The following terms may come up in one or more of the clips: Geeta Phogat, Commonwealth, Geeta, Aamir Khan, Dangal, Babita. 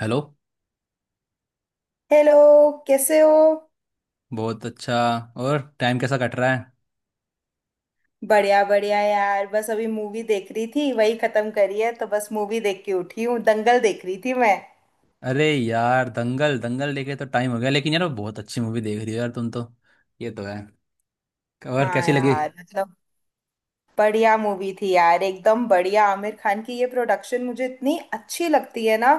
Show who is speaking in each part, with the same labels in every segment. Speaker 1: Hello.
Speaker 2: Hello. कैसे हो?
Speaker 1: बहुत अच्छा। और टाइम कैसा कट रहा है?
Speaker 2: बढ़िया बढ़िया यार, बस अभी मूवी देख रही थी, वही खत्म करी है। तो बस मूवी देख के उठी हूँ, दंगल देख रही थी मैं।
Speaker 1: अरे यार, दंगल दंगल देखे तो टाइम हो गया, लेकिन यार बहुत अच्छी मूवी देख रही हो यार तुम तो। ये तो है। और
Speaker 2: हाँ
Speaker 1: कैसी लगी?
Speaker 2: यार, मतलब बढ़िया मूवी थी यार, एकदम बढ़िया। आमिर खान की ये प्रोडक्शन मुझे इतनी अच्छी लगती है ना।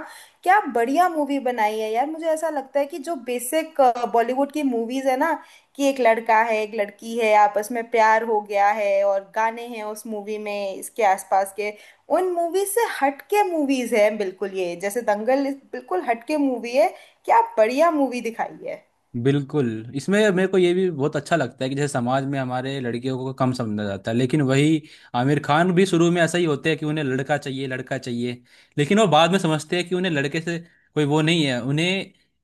Speaker 2: क्या बढ़िया मूवी बनाई है यार। मुझे ऐसा लगता है कि जो बेसिक बॉलीवुड की मूवीज है ना, कि एक लड़का है, एक लड़की है, आपस में प्यार हो गया है और गाने हैं उस मूवी में, इसके आसपास के उन मूवीज से हटके मूवीज है बिल्कुल ये, जैसे दंगल बिल्कुल हटके मूवी है। क्या बढ़िया मूवी दिखाई है।
Speaker 1: बिल्कुल। इसमें मेरे को ये भी बहुत अच्छा लगता है कि जैसे समाज में हमारे लड़कियों को कम समझा जाता है, लेकिन वही आमिर खान भी शुरू में ऐसा ही होते हैं कि उन्हें लड़का चाहिए, लड़का चाहिए। लेकिन वो बाद में समझते हैं कि उन्हें लड़के से कोई वो नहीं है, उन्हें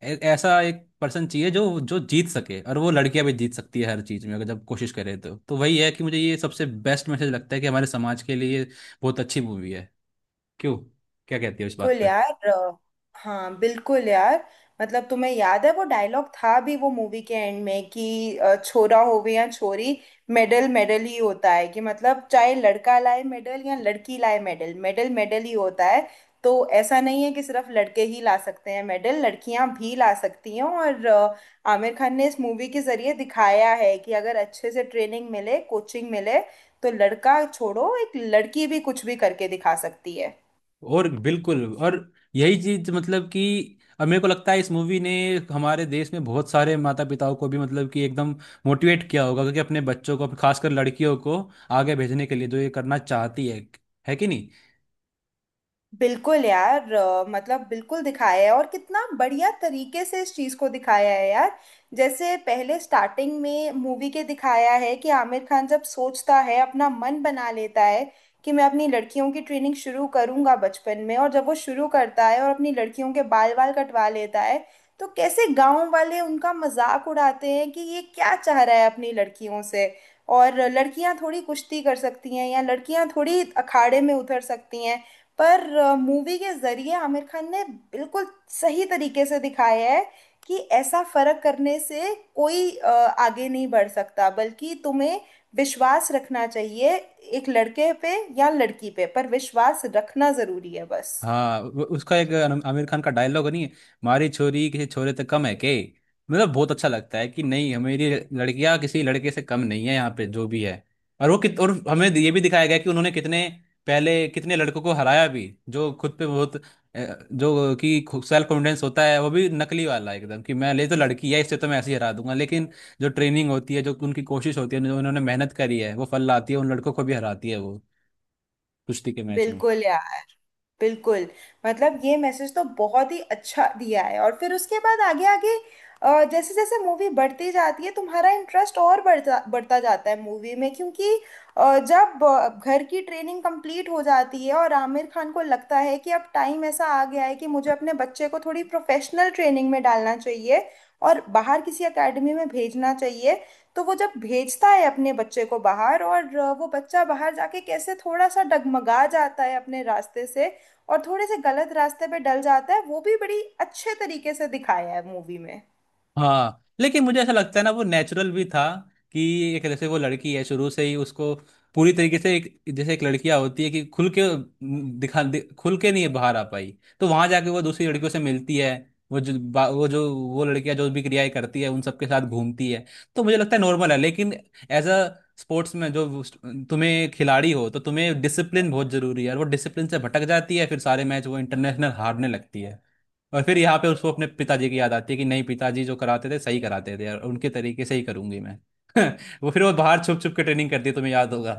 Speaker 1: ऐसा एक पर्सन चाहिए जो जो जीत सके। और वो लड़कियां भी जीत सकती है हर चीज़ में अगर जब कोशिश करे, तो वही है कि मुझे ये सबसे बेस्ट मैसेज लगता है कि हमारे समाज के लिए ये बहुत अच्छी मूवी है। क्यों, क्या कहती है इस बात?
Speaker 2: बिल्कुल यार। हाँ बिल्कुल यार। मतलब तुम्हें याद है वो डायलॉग था भी, वो मूवी के एंड में, कि छोरा होवे या छोरी, मेडल मेडल ही होता है। कि मतलब चाहे लड़का लाए मेडल या लड़की लाए मेडल, मेडल मेडल ही होता है। तो ऐसा नहीं है कि सिर्फ लड़के ही ला सकते हैं मेडल, लड़कियां भी ला सकती हैं। और आमिर खान ने इस मूवी के जरिए दिखाया है कि अगर अच्छे से ट्रेनिंग मिले, कोचिंग मिले, तो लड़का छोड़ो, एक लड़की भी कुछ भी करके दिखा सकती है।
Speaker 1: और बिल्कुल। और यही चीज, मतलब कि अब मेरे को लगता है इस मूवी ने हमारे देश में बहुत सारे माता पिताओं को भी, मतलब कि एकदम मोटिवेट किया होगा, क्योंकि अपने बच्चों को खासकर लड़कियों को आगे भेजने के लिए जो ये करना चाहती है। है कि नहीं?
Speaker 2: बिल्कुल यार। मतलब बिल्कुल दिखाया है, और कितना बढ़िया तरीके से इस चीज को दिखाया है यार। जैसे पहले स्टार्टिंग में मूवी के दिखाया है कि आमिर खान जब सोचता है, अपना मन बना लेता है कि मैं अपनी लड़कियों की ट्रेनिंग शुरू करूंगा बचपन में, और जब वो शुरू करता है और अपनी लड़कियों के बाल वाल कटवा लेता है, तो कैसे गांव वाले उनका मजाक उड़ाते हैं कि ये क्या चाह रहा है अपनी लड़कियों से, और लड़कियां थोड़ी कुश्ती कर सकती हैं या लड़कियां थोड़ी अखाड़े में उतर सकती हैं। पर मूवी के जरिए आमिर खान ने बिल्कुल सही तरीके से दिखाया है कि ऐसा फर्क करने से कोई आगे नहीं बढ़ सकता, बल्कि तुम्हें विश्वास रखना चाहिए। एक लड़के पे या लड़की पे, पर विश्वास रखना जरूरी है बस।
Speaker 1: हाँ, उसका एक आमिर खान का डायलॉग नहीं है, मारी छोरी किसी छोरे तक कम है के। मतलब बहुत अच्छा लगता है कि नहीं, हमारी लड़कियां किसी लड़के से कम नहीं है, यहाँ पे जो भी है। और वो कित और हमें ये भी दिखाया गया कि उन्होंने कितने पहले कितने लड़कों को हराया भी, जो खुद पे बहुत जो कि सेल्फ कॉन्फिडेंस होता है वो भी नकली वाला एकदम, कि मैं ले तो लड़की है इससे तो मैं ऐसे ही हरा दूंगा। लेकिन जो ट्रेनिंग होती है, जो उनकी कोशिश होती है, जो उन्होंने मेहनत करी है, वो फल लाती है। उन लड़कों को भी हराती है वो कुश्ती के मैच में।
Speaker 2: बिल्कुल यार, बिल्कुल। मतलब ये मैसेज तो बहुत ही अच्छा दिया है, और फिर उसके बाद आगे आगे जैसे जैसे मूवी बढ़ती जाती है, तुम्हारा इंटरेस्ट और बढ़ता बढ़ता जाता है मूवी में। क्योंकि जब घर की ट्रेनिंग कंप्लीट हो जाती है और आमिर खान को लगता है कि अब टाइम ऐसा आ गया है कि मुझे अपने बच्चे को थोड़ी प्रोफेशनल ट्रेनिंग में डालना चाहिए और बाहर किसी एकेडमी में भेजना चाहिए। तो वो जब भेजता है अपने बच्चे को बाहर, और वो बच्चा बाहर जाके कैसे थोड़ा सा डगमगा जाता है अपने रास्ते से, और थोड़े से गलत रास्ते पे डल जाता है, वो भी बड़ी अच्छे तरीके से दिखाया है मूवी में।
Speaker 1: हाँ, लेकिन मुझे ऐसा लगता है ना, वो नेचुरल भी था कि एक जैसे वो लड़की है, शुरू से ही उसको पूरी तरीके से, एक जैसे एक लड़कियां होती है कि खुल के खुल के नहीं बाहर आ पाई। तो वहां जाके वो दूसरी लड़कियों से मिलती है। वो वो जो वो लड़कियां जो भी क्रियाएं करती है उन सबके साथ घूमती है। तो मुझे लगता है नॉर्मल है, लेकिन एज अ स्पोर्ट्स में जो तुम्हें खिलाड़ी हो, तो तुम्हें डिसिप्लिन बहुत जरूरी है। और वो डिसिप्लिन से भटक जाती है, फिर सारे मैच वो इंटरनेशनल हारने लगती है। और फिर यहाँ पे उसको अपने पिताजी की याद आती है कि नहीं, पिताजी जो कराते थे सही कराते थे, और उनके तरीके से ही करूंगी मैं। वो फिर वो बाहर छुप छुप के ट्रेनिंग करती है, तुम्हें याद होगा।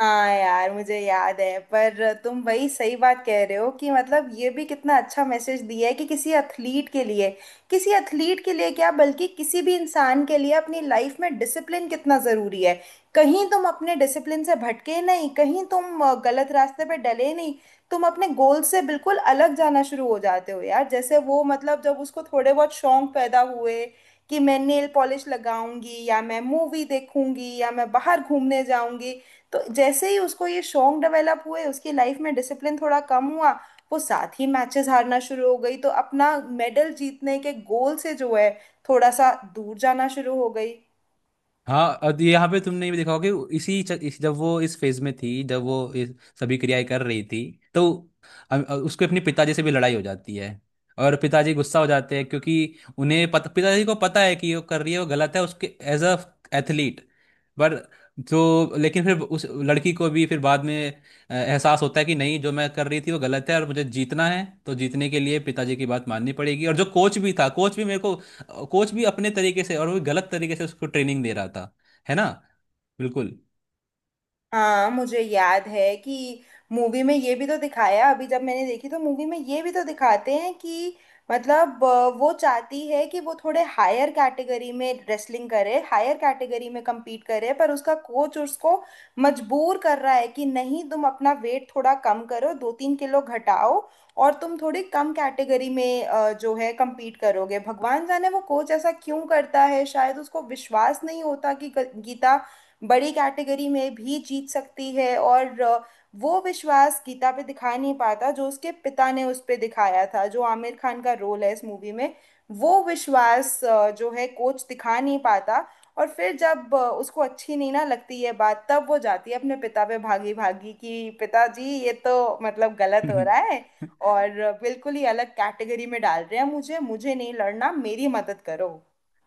Speaker 2: हाँ यार, मुझे याद है। पर तुम वही सही बात कह रहे हो कि मतलब ये भी कितना अच्छा मैसेज दिया है कि किसी एथलीट के लिए, किसी एथलीट के लिए क्या, बल्कि किसी भी इंसान के लिए अपनी लाइफ में डिसिप्लिन कितना ज़रूरी है। कहीं तुम अपने डिसिप्लिन से भटके नहीं, कहीं तुम गलत रास्ते पे डले नहीं, तुम अपने गोल से बिल्कुल अलग जाना शुरू हो जाते हो यार। जैसे वो, मतलब जब उसको थोड़े बहुत शौक पैदा हुए कि मैं नेल पॉलिश लगाऊंगी या मैं मूवी देखूंगी या मैं बाहर घूमने जाऊंगी, तो जैसे ही उसको ये शौक डेवलप हुए, उसकी लाइफ में डिसिप्लिन थोड़ा कम हुआ, वो साथ ही मैचेस हारना शुरू हो गई। तो अपना मेडल जीतने के गोल से जो है, थोड़ा सा दूर जाना शुरू हो गई।
Speaker 1: हाँ, और तो यहाँ पे तुमने भी देखा होगा कि इसी जब वो इस फेज में थी, जब वो इस सभी क्रियाएं कर रही थी, तो उसके अपने पिताजी से भी लड़ाई हो जाती है और पिताजी गुस्सा हो जाते हैं, क्योंकि उन्हें पता पिताजी को पता है कि जो कर रही है वो गलत है उसके एज अ एथलीट। पर जो, लेकिन फिर उस लड़की को भी फिर बाद में एहसास होता है कि नहीं, जो मैं कर रही थी वो गलत है, और मुझे जीतना है तो जीतने के लिए पिताजी की बात माननी पड़ेगी। और जो कोच भी था कोच भी मेरे को कोच भी अपने तरीके से, और वो गलत तरीके से उसको ट्रेनिंग दे रहा था। है ना? बिल्कुल।
Speaker 2: हाँ मुझे याद है कि मूवी में ये भी तो दिखाया, अभी जब मैंने देखी तो मूवी में ये भी तो दिखाते हैं, कि मतलब वो चाहती है कि वो थोड़े हायर कैटेगरी में रेसलिंग करे, हायर कैटेगरी में compete करे, पर उसका कोच उसको मजबूर कर रहा है कि नहीं, तुम अपना वेट थोड़ा कम करो, दो तीन किलो घटाओ, और तुम थोड़ी कम कैटेगरी में जो है compete करोगे। भगवान जाने वो कोच ऐसा क्यों करता है, शायद उसको विश्वास नहीं होता कि गीता बड़ी कैटेगरी में भी जीत सकती है। और वो विश्वास गीता पे दिखा नहीं पाता जो उसके पिता ने उस पे दिखाया था, जो आमिर खान का रोल है इस मूवी में। वो विश्वास जो है कोच दिखा नहीं पाता। और फिर जब उसको अच्छी नहीं ना लगती है बात, तब वो जाती है अपने पिता पे भागी भागी कि पिताजी, ये तो मतलब गलत हो रहा है। और बिल्कुल ही अलग कैटेगरी में डाल रहे हैं, मुझे मुझे नहीं लड़ना, मेरी मदद करो।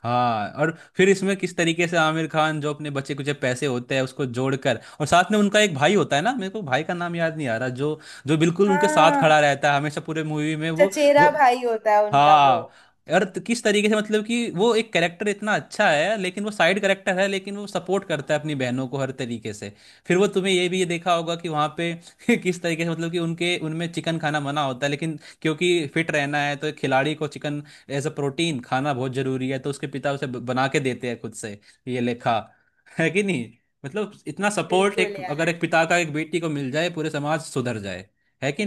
Speaker 1: हाँ, और फिर इसमें किस तरीके से आमिर खान जो अपने बचे कुछ पैसे होते हैं उसको जोड़कर, और साथ में उनका एक भाई होता है ना, मेरे को भाई का नाम याद नहीं आ रहा, जो जो बिल्कुल उनके साथ
Speaker 2: हाँ,
Speaker 1: खड़ा रहता है हमेशा पूरे मूवी में वो, वो।
Speaker 2: चचेरा भाई होता है उनका वो।
Speaker 1: हाँ, और किस तरीके से मतलब कि वो एक कैरेक्टर इतना अच्छा है, लेकिन वो साइड कैरेक्टर है, लेकिन वो सपोर्ट करता है अपनी बहनों को हर तरीके से। फिर वो तुम्हें ये भी ये देखा होगा कि वहाँ पे किस तरीके से, मतलब कि उनके उनमें चिकन खाना मना होता है, लेकिन क्योंकि फिट रहना है तो एक खिलाड़ी को चिकन एज अ प्रोटीन खाना बहुत जरूरी है, तो उसके पिता उसे बना के देते हैं खुद से। ये लेखा है कि नहीं? मतलब इतना सपोर्ट
Speaker 2: बिल्कुल
Speaker 1: एक, अगर
Speaker 2: यार।
Speaker 1: एक पिता का एक बेटी को मिल जाए, पूरे समाज सुधर जाए। है कि?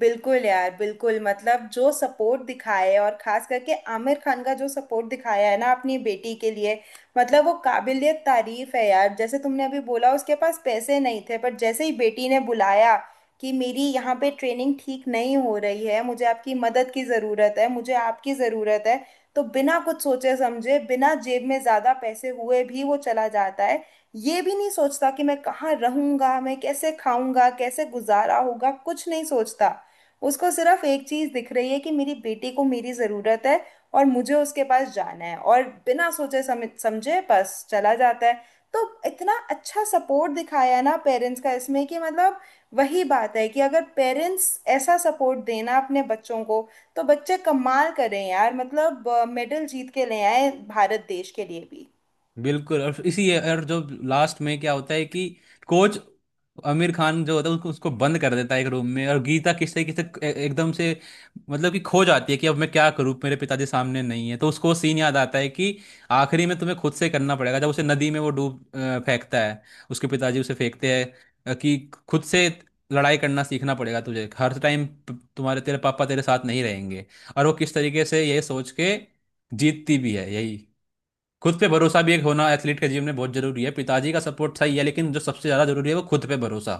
Speaker 2: बिल्कुल यार, बिल्कुल। मतलब जो सपोर्ट दिखाए, और खास करके आमिर खान का जो सपोर्ट दिखाया है ना अपनी बेटी के लिए, मतलब वो काबिलियत तारीफ है यार। जैसे तुमने अभी बोला, उसके पास पैसे नहीं थे, पर जैसे ही बेटी ने बुलाया कि मेरी यहाँ पे ट्रेनिंग ठीक नहीं हो रही है, मुझे आपकी मदद की ज़रूरत है, मुझे आपकी ज़रूरत है, तो बिना कुछ सोचे समझे, बिना जेब में ज़्यादा पैसे हुए भी वो चला जाता है। ये भी नहीं सोचता कि मैं कहाँ रहूंगा, मैं कैसे खाऊंगा, कैसे गुजारा होगा, कुछ नहीं सोचता। उसको सिर्फ एक चीज दिख रही है कि मेरी बेटी को मेरी जरूरत है, और मुझे उसके पास जाना है, और बिना सोचे समझे बस चला जाता है। तो इतना अच्छा सपोर्ट दिखाया है ना पेरेंट्स का इसमें, कि मतलब वही बात है कि अगर पेरेंट्स ऐसा सपोर्ट देना अपने बच्चों को, तो बच्चे कमाल करें यार। मतलब मेडल जीत के ले आए भारत देश के लिए भी।
Speaker 1: बिल्कुल। और इसी और जो लास्ट में क्या होता है कि कोच, आमिर खान जो होता है उसको, उसको बंद कर देता है एक रूम में। और गीता किससे किससे एकदम से, मतलब कि खो जाती है कि अब मैं क्या करूं, मेरे पिताजी सामने नहीं है। तो उसको सीन याद आता है कि आखिरी में तुम्हें खुद से करना पड़ेगा, जब उसे नदी में वो फेंकता है, उसके पिताजी उसे फेंकते हैं, कि खुद से लड़ाई करना सीखना पड़ेगा तुझे हर टाइम, तुम्हारे तेरे पापा तेरे साथ नहीं रहेंगे। और वो किस तरीके से ये सोच के जीतती भी है। यही खुद पे भरोसा भी एक होना एथलीट के जीवन में बहुत जरूरी है, पिताजी का सपोर्ट सही है लेकिन जो सबसे ज्यादा जरूरी है वो खुद पे भरोसा।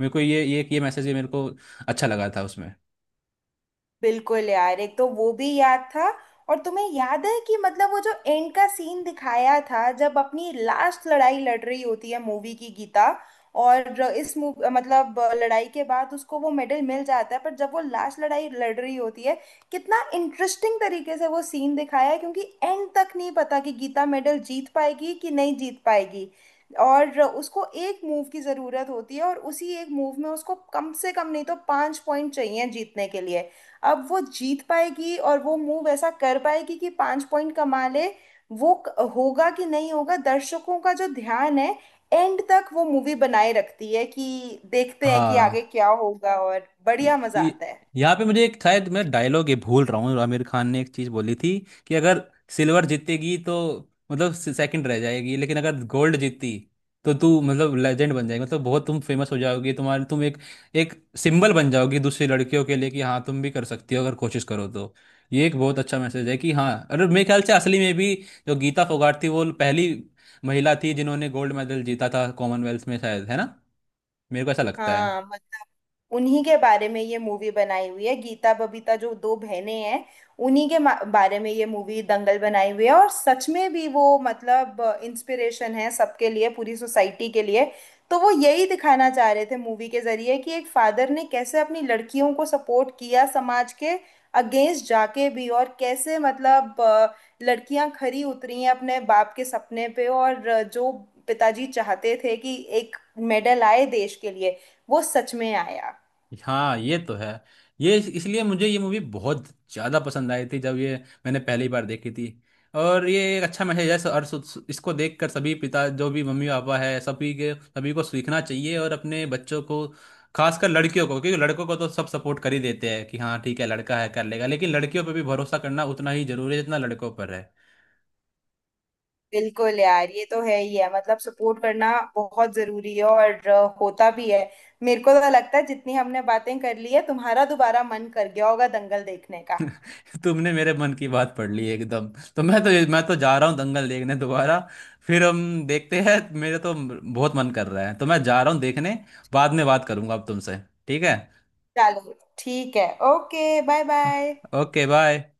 Speaker 1: मेरे को ये मैसेज ये मेरे को अच्छा लगा था उसमें।
Speaker 2: बिल्कुल यार, एक तो वो भी याद था। और तुम्हें याद है कि मतलब वो जो एंड का सीन दिखाया था, जब अपनी लास्ट लड़ाई लड़ रही होती है मूवी की गीता, और इस मूव, मतलब लड़ाई के बाद उसको वो मेडल मिल जाता है, पर जब वो लास्ट लड़ाई लड़ रही होती है, कितना इंटरेस्टिंग तरीके से वो सीन दिखाया है। क्योंकि एंड तक नहीं पता कि गीता मेडल जीत पाएगी कि नहीं जीत पाएगी, और उसको एक मूव की ज़रूरत होती है, और उसी एक मूव में उसको कम से कम नहीं तो पाँच पॉइंट चाहिए जीतने के लिए। अब वो जीत पाएगी और वो मूव ऐसा कर पाएगी कि पांच पॉइंट कमा ले, वो होगा कि नहीं होगा, दर्शकों का जो ध्यान है एंड तक वो मूवी बनाए रखती है, कि देखते हैं कि आगे
Speaker 1: हाँ,
Speaker 2: क्या होगा, और
Speaker 1: य-
Speaker 2: बढ़िया मजा
Speaker 1: य-
Speaker 2: आता है।
Speaker 1: यहाँ पे मुझे एक, शायद मैं डायलॉग ये भूल रहा हूँ, आमिर खान ने एक चीज बोली थी कि अगर सिल्वर जीतेगी तो मतलब सेकंड रह जाएगी, लेकिन अगर गोल्ड जीती तो तू मतलब लेजेंड बन जाएगी, मतलब बहुत तुम फेमस हो जाओगी, तुम एक एक सिंबल बन जाओगी दूसरी लड़कियों के लिए, कि हाँ तुम भी कर सकती हो अगर कोशिश करो तो। ये एक बहुत अच्छा मैसेज है कि हाँ। और मेरे ख्याल से असली में भी जो गीता फोगाट थी, वो पहली महिला थी जिन्होंने गोल्ड मेडल जीता था कॉमनवेल्थ में शायद, है ना? मेरे को ऐसा लगता है।
Speaker 2: हाँ मतलब उन्हीं के बारे में ये मूवी बनाई हुई है, गीता बबीता जो दो बहनें हैं, उन्हीं के बारे में ये मूवी दंगल बनाई हुई है। और सच में भी वो मतलब इंस्पिरेशन है सबके लिए, पूरी सोसाइटी के लिए। तो वो यही दिखाना चाह रहे थे मूवी के जरिए कि एक फादर ने कैसे अपनी लड़कियों को सपोर्ट किया समाज के अगेंस्ट जाके भी, और कैसे मतलब लड़कियां खरी उतरी हैं अपने बाप के सपने पे। और जो पिताजी चाहते थे कि एक मेडल आए देश के लिए, वो सच में आया।
Speaker 1: हाँ, ये तो है। ये इसलिए मुझे ये मूवी बहुत ज़्यादा पसंद आई थी जब ये मैंने पहली बार देखी थी। और ये एक अच्छा मैसेज है, और सु- सु- इसको देखकर सभी पिता, जो भी मम्मी पापा है, सभी के सभी को सीखना चाहिए। और अपने बच्चों को खासकर लड़कियों को, क्योंकि लड़कों को तो सब सपोर्ट कर ही देते हैं कि हाँ ठीक है लड़का है कर लेगा, लेकिन लड़कियों पर भी भरोसा करना उतना ही जरूरी है जितना लड़कों पर है।
Speaker 2: बिल्कुल यार, ये तो है ही है। मतलब सपोर्ट करना बहुत जरूरी है, और होता भी है। मेरे को तो लगता है जितनी हमने बातें कर ली है, तुम्हारा दोबारा मन कर गया होगा दंगल देखने का।
Speaker 1: तुमने मेरे मन की बात पढ़ ली एकदम। तो मैं तो जा रहा हूँ दंगल देखने दोबारा। फिर हम देखते हैं। मेरे तो बहुत मन कर रहा है, तो मैं जा रहा हूँ देखने। बाद में बात करूंगा अब तुमसे। ठीक है,
Speaker 2: चलो ठीक है, okay bye bye.
Speaker 1: Okay bye.